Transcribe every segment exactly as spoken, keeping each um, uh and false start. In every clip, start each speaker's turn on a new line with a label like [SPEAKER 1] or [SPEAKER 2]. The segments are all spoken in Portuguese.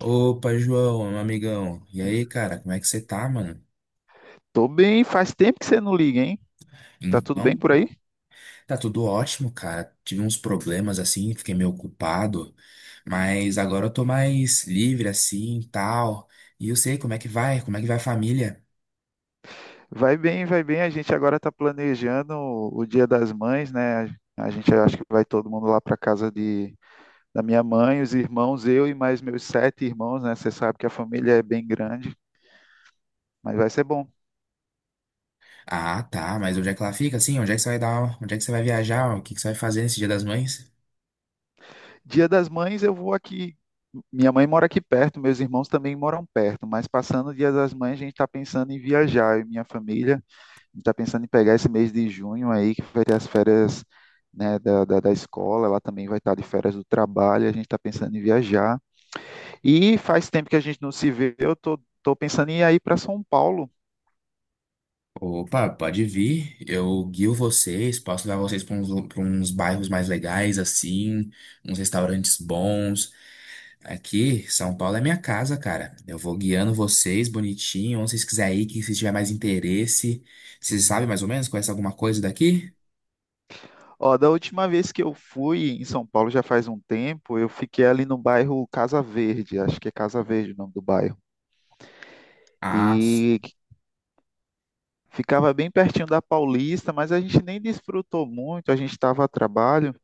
[SPEAKER 1] Opa, João, meu amigão. E aí, cara, como é que você tá, mano?
[SPEAKER 2] Tô bem, faz tempo que você não liga, hein? Tá tudo bem
[SPEAKER 1] Então,
[SPEAKER 2] por aí?
[SPEAKER 1] tá tudo ótimo, cara. Tive uns problemas assim, fiquei meio ocupado, mas agora eu tô mais livre assim, e tal. E eu sei como é que vai, como é que vai a família.
[SPEAKER 2] Vai bem, vai bem. A gente agora tá planejando o o Dia das Mães, né? A gente acho que vai todo mundo lá para casa de, da minha mãe, os irmãos, eu e mais meus sete irmãos, né? Você sabe que a família é bem grande, mas vai ser bom.
[SPEAKER 1] Ah, tá, mas onde é que ela fica assim? Onde é que você vai dar, onde é que você vai viajar? O que que você vai fazer nesse Dia das Mães?
[SPEAKER 2] Dia das Mães eu vou aqui. Minha mãe mora aqui perto, meus irmãos também moram perto, mas passando o Dia das Mães a gente tá pensando em viajar, eu e minha família. Está pensando em pegar esse mês de junho aí, que vai ter as férias, né, da, da, da escola, ela também vai estar de férias do trabalho, a gente está pensando em viajar. E faz tempo que a gente não se vê, eu tô, tô pensando em ir para São Paulo.
[SPEAKER 1] Opa, pode vir. Eu guio vocês, posso levar vocês para uns, pra uns bairros mais legais, assim, uns restaurantes bons. Aqui, São Paulo é minha casa, cara. Eu vou guiando vocês bonitinho, onde vocês quiserem ir, que se tiver mais interesse. Vocês sabem mais ou menos? Conhece alguma coisa daqui?
[SPEAKER 2] Ó, da última vez que eu fui em São Paulo, já faz um tempo, eu fiquei ali no bairro Casa Verde, acho que é Casa Verde o nome do bairro.
[SPEAKER 1] Ah, s-
[SPEAKER 2] E ficava bem pertinho da Paulista, mas a gente nem desfrutou muito, a gente estava a trabalho.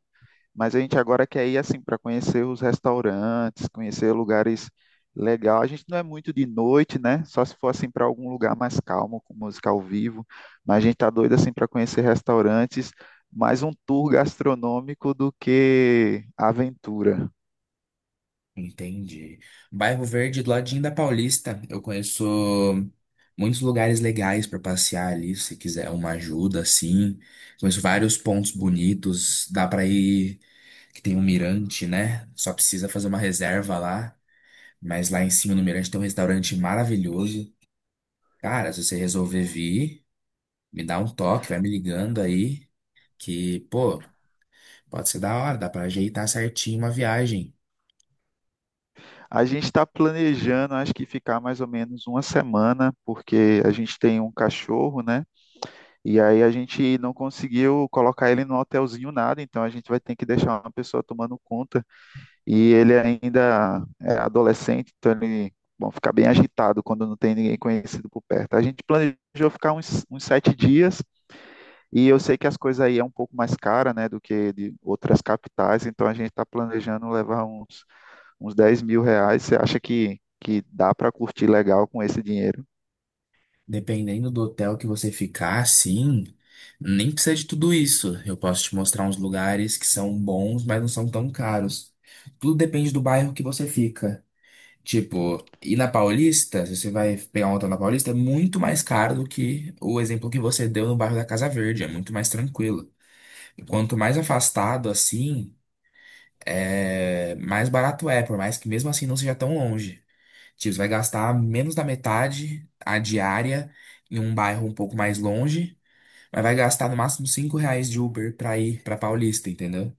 [SPEAKER 2] Mas a gente agora quer ir assim para conhecer os restaurantes, conhecer lugares legais. A gente não é muito de noite, né? Só se for assim para algum lugar mais calmo, com música ao vivo. Mas a gente tá doido assim para conhecer restaurantes, mais um tour gastronômico do que aventura.
[SPEAKER 1] Entendi. Bairro Verde, do ladinho da Paulista. Eu conheço muitos lugares legais para passear ali, se quiser uma ajuda, assim. Conheço vários pontos bonitos. Dá para ir, que tem um mirante, né? Só precisa fazer uma reserva lá. Mas lá em cima no Mirante tem um restaurante maravilhoso. Cara, se você resolver vir, me dá um toque, vai me ligando aí, que, pô, pode ser da hora, dá pra ajeitar certinho uma viagem.
[SPEAKER 2] A gente está planejando, acho que ficar mais ou menos uma semana, porque a gente tem um cachorro, né? E aí a gente não conseguiu colocar ele no hotelzinho nada, então a gente vai ter que deixar uma pessoa tomando conta. E ele ainda é adolescente, então ele bom, fica bem agitado quando não tem ninguém conhecido por perto. A gente planejou ficar uns, uns sete dias, e eu sei que as coisas aí é um pouco mais cara, né, do que de outras capitais, então a gente está planejando levar uns, uns dez mil reais mil reais. Você acha que, que dá para curtir legal com esse dinheiro?
[SPEAKER 1] Dependendo do hotel que você ficar, sim, nem precisa de tudo isso. Eu posso te mostrar uns lugares que são bons, mas não são tão caros. Tudo depende do bairro que você fica. Tipo, e na Paulista, se você vai pegar um hotel na Paulista, é muito mais caro do que o exemplo que você deu no bairro da Casa Verde, é muito mais tranquilo. Quanto mais afastado assim. É, mais barato é, por mais que mesmo assim não seja tão longe. Tipo, você vai gastar menos da metade a diária em um bairro um pouco mais longe, mas vai gastar no máximo cinco reais de Uber pra ir pra Paulista, entendeu?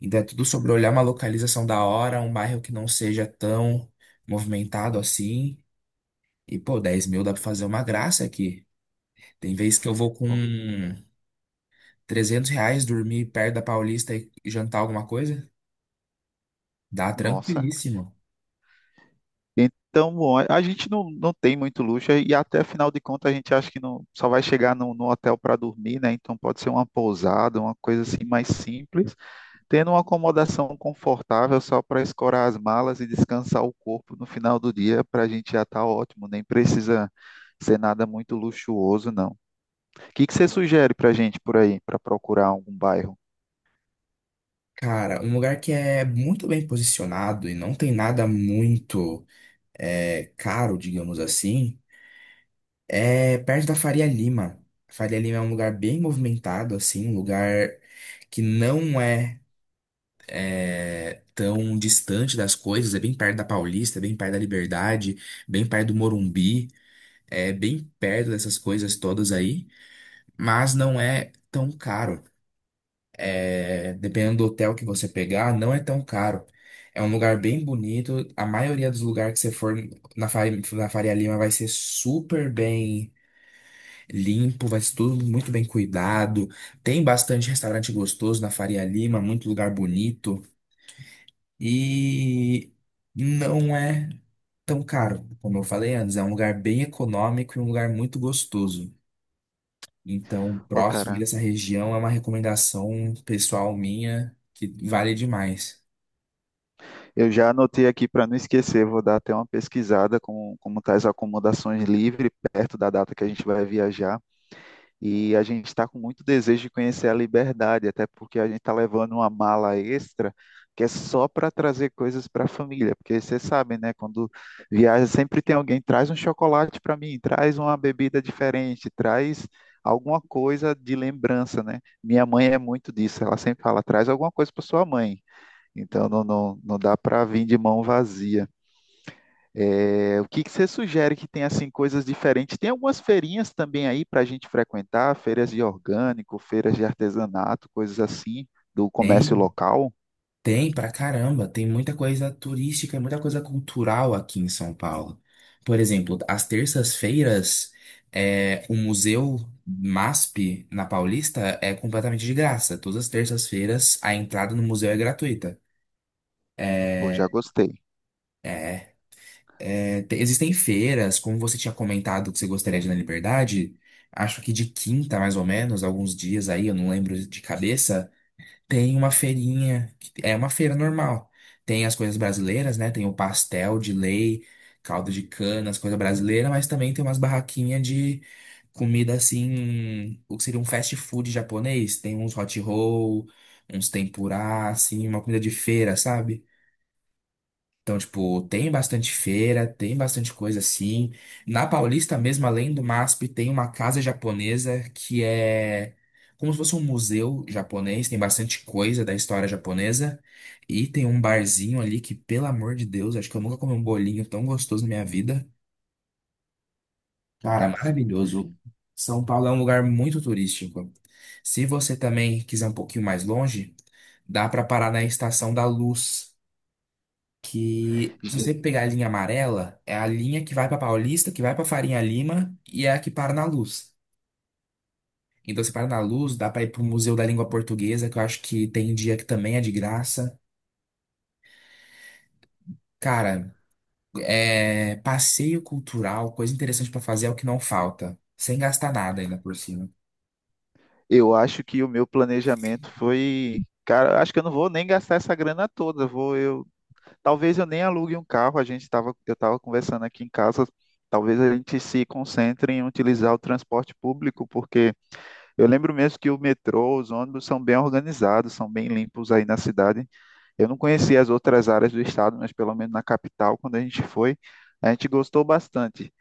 [SPEAKER 1] Então é tudo sobre olhar uma localização da hora, um bairro que não seja tão movimentado assim. E, pô, dez mil dá pra fazer uma graça aqui. Tem vezes que eu vou com
[SPEAKER 2] Pô.
[SPEAKER 1] trezentos reais dormir perto da Paulista e jantar alguma coisa, dá
[SPEAKER 2] Nossa.
[SPEAKER 1] tranquilíssimo.
[SPEAKER 2] Então, bom, a a gente não, não tem muito luxo e até afinal de contas a gente acha que não, só vai chegar no, no hotel para dormir, né? Então pode ser uma pousada, uma coisa assim mais simples, tendo uma acomodação confortável só para escorar as malas e descansar o corpo no final do dia, para a gente já tá ótimo, nem precisa ser nada muito luxuoso, não. O que que você sugere para a gente por aí, para procurar algum bairro?
[SPEAKER 1] Cara, um lugar que é muito bem posicionado e não tem nada muito é, caro, digamos assim, é perto da Faria Lima. Faria Lima é um lugar bem movimentado, assim, um lugar que não é, é, tão distante das coisas, é bem perto da Paulista, é bem perto da Liberdade, bem perto do Morumbi, é bem perto dessas coisas todas aí, mas não é tão caro. É, dependendo do hotel que você pegar, não é tão caro. É um lugar bem bonito. A maioria dos lugares que você for na Faria, na Faria Lima vai ser super bem limpo, vai ser tudo muito bem cuidado. Tem bastante restaurante gostoso na Faria Lima, muito lugar bonito. E não é tão caro, como eu falei antes. É um lugar bem econômico e um lugar muito gostoso. Então,
[SPEAKER 2] Ô,
[SPEAKER 1] próximo
[SPEAKER 2] cara,
[SPEAKER 1] dessa região é uma recomendação pessoal minha que vale demais.
[SPEAKER 2] eu já anotei aqui para não esquecer, vou dar até uma pesquisada com como tá as acomodações livre perto da data que a gente vai viajar. E a gente está com muito desejo de conhecer a Liberdade, até porque a gente está levando uma mala extra que é só para trazer coisas para a família, porque vocês sabem, né? Quando viaja sempre tem alguém traz um chocolate para mim, traz uma bebida diferente, traz alguma coisa de lembrança, né? Minha mãe é muito disso, ela sempre fala, traz alguma coisa para sua mãe. Então não, não, não dá para vir de mão vazia. É, o que que você sugere que tem assim coisas diferentes? Tem algumas feirinhas também aí para a gente frequentar, feiras de orgânico, feiras de artesanato, coisas assim do comércio
[SPEAKER 1] Tem,
[SPEAKER 2] local.
[SPEAKER 1] tem pra caramba, tem muita coisa turística, muita coisa cultural aqui em São Paulo. Por exemplo, às terças-feiras, é, o Museu MASP na Paulista é completamente de graça. Todas as terças-feiras, a entrada no museu é gratuita.
[SPEAKER 2] Pô,
[SPEAKER 1] É,
[SPEAKER 2] já gostei.
[SPEAKER 1] É, te- Existem feiras, como você tinha comentado que você gostaria de ir na Liberdade, acho que de quinta, mais ou menos, alguns dias aí, eu não lembro de cabeça, tem uma feirinha, que é uma feira normal. Tem as coisas brasileiras, né? Tem o pastel de lei, caldo de cana, as coisas brasileiras, mas também tem umas barraquinhas de comida assim, o que seria um fast food japonês. Tem uns hot roll, uns tempurá, assim, uma comida de feira, sabe? Então, tipo, tem bastante feira, tem bastante coisa assim. Na Paulista mesmo, além do MASP, tem uma casa japonesa que é como se fosse um museu japonês, tem bastante coisa da história japonesa. E tem um barzinho ali que, pelo amor de Deus, acho que eu nunca comi um bolinho tão gostoso na minha vida. Cara,
[SPEAKER 2] Nossa.
[SPEAKER 1] maravilhoso. São Paulo é um lugar muito turístico. Se você também quiser um pouquinho mais longe, dá para parar na Estação da Luz que se você pegar a linha amarela, é a linha que vai para Paulista, que vai para Farinha Lima e é a que para na Luz. Então, você para na Luz, dá para ir pro Museu da Língua Portuguesa, que eu acho que tem dia que também é de graça. Cara, é passeio cultural, coisa interessante para fazer é o que não falta, sem gastar nada ainda por cima.
[SPEAKER 2] Eu acho que o meu planejamento foi, cara, acho que eu não vou nem gastar essa grana toda. Vou eu, talvez eu nem alugue um carro. A gente tava, eu estava conversando aqui em casa. Talvez a gente se concentre em utilizar o transporte público, porque eu lembro mesmo que o metrô, os ônibus são bem organizados, são bem limpos aí na cidade. Eu não conhecia as outras áreas do estado, mas pelo menos na capital, quando a gente foi, a gente gostou bastante.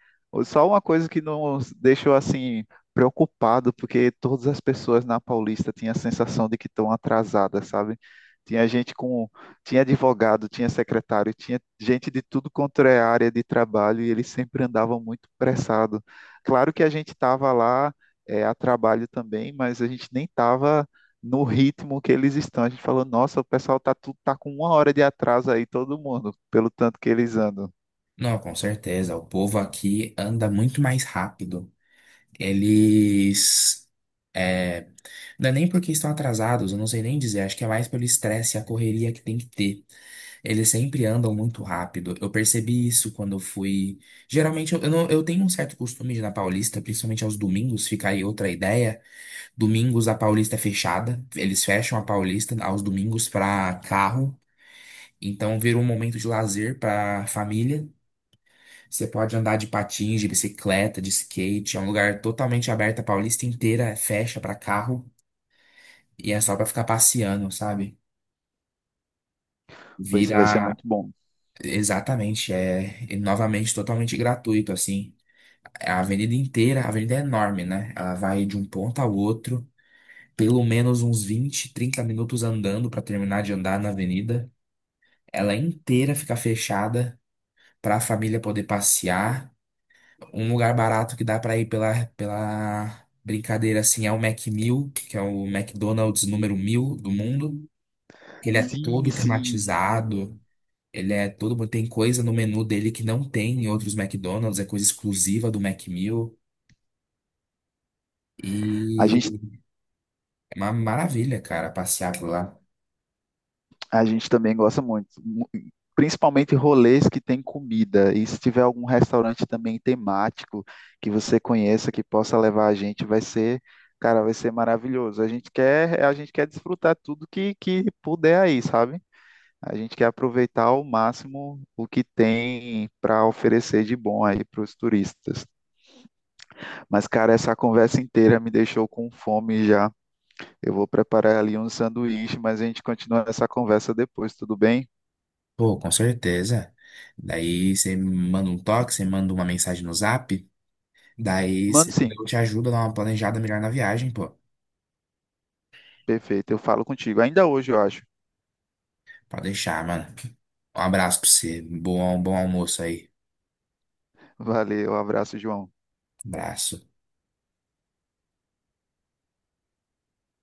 [SPEAKER 2] Só uma coisa que nos deixou assim preocupado, porque todas as pessoas na Paulista tinham a sensação de que estão atrasadas, sabe? Tinha gente com, tinha advogado, tinha secretário, tinha gente de tudo quanto é área de trabalho e eles sempre andavam muito pressado. Claro que a gente estava lá é, a trabalho também, mas a gente nem estava no ritmo que eles estão. A gente falou, nossa, o pessoal tá, tudo, tá com uma hora de atraso aí, todo mundo, pelo tanto que eles andam.
[SPEAKER 1] Não, com certeza, o povo aqui anda muito mais rápido. Eles é, não é nem porque estão atrasados, eu não sei nem dizer, acho que é mais pelo estresse e a correria que tem que ter. Eles sempre andam muito rápido. Eu percebi isso quando eu fui. Geralmente eu, eu não- eu tenho um certo costume de ir na Paulista, principalmente aos domingos, fica aí outra ideia. Domingos a Paulista é fechada. Eles fecham a Paulista aos domingos para carro. Então vira um momento de lazer para família. Você pode andar de patins, de bicicleta, de skate. É um lugar totalmente aberto. A Paulista inteira fecha para carro e é só para ficar passeando, sabe?
[SPEAKER 2] Pô, isso vai ser
[SPEAKER 1] Vira
[SPEAKER 2] muito bom.
[SPEAKER 1] exatamente, é, e novamente totalmente gratuito assim. É, a avenida inteira, a avenida é enorme, né? Ela vai de um ponto ao outro, pelo menos uns vinte trinta minutos andando para terminar de andar na avenida. Ela inteira fica fechada para a família poder passear. Um lugar barato que dá para ir pela, pela brincadeira assim é o Mac mil, que é o McDonald's número mil do mundo. Ele é
[SPEAKER 2] Sim,
[SPEAKER 1] todo
[SPEAKER 2] sim.
[SPEAKER 1] tematizado, ele é todo, tem coisa no menu dele que não tem em outros McDonald's, é coisa exclusiva do Mac mil.
[SPEAKER 2] A gente,
[SPEAKER 1] E É Uma maravilha, cara, passear por lá.
[SPEAKER 2] a gente também gosta muito. Mu- Principalmente rolês que tem comida. E se tiver algum restaurante também temático que você conheça, que possa levar a gente, vai ser, cara, vai ser maravilhoso. A gente quer, a gente quer desfrutar tudo que, que puder aí, sabe? A gente quer aproveitar ao máximo o que tem para oferecer de bom aí para os turistas. Mas, cara, essa conversa inteira me deixou com fome já. Eu vou preparar ali um sanduíche, mas a gente continua essa conversa depois, tudo bem?
[SPEAKER 1] Pô, com certeza. Daí você manda um toque, você manda uma mensagem no Zap. Daí
[SPEAKER 2] Mano,
[SPEAKER 1] cê-
[SPEAKER 2] sim,
[SPEAKER 1] eu te ajudo a dar uma planejada melhor na viagem, pô.
[SPEAKER 2] perfeito. Eu falo contigo ainda hoje, eu acho.
[SPEAKER 1] Pode deixar, mano. Um abraço pra você. Bom, bom almoço aí.
[SPEAKER 2] Valeu, abraço, João.
[SPEAKER 1] Abraço.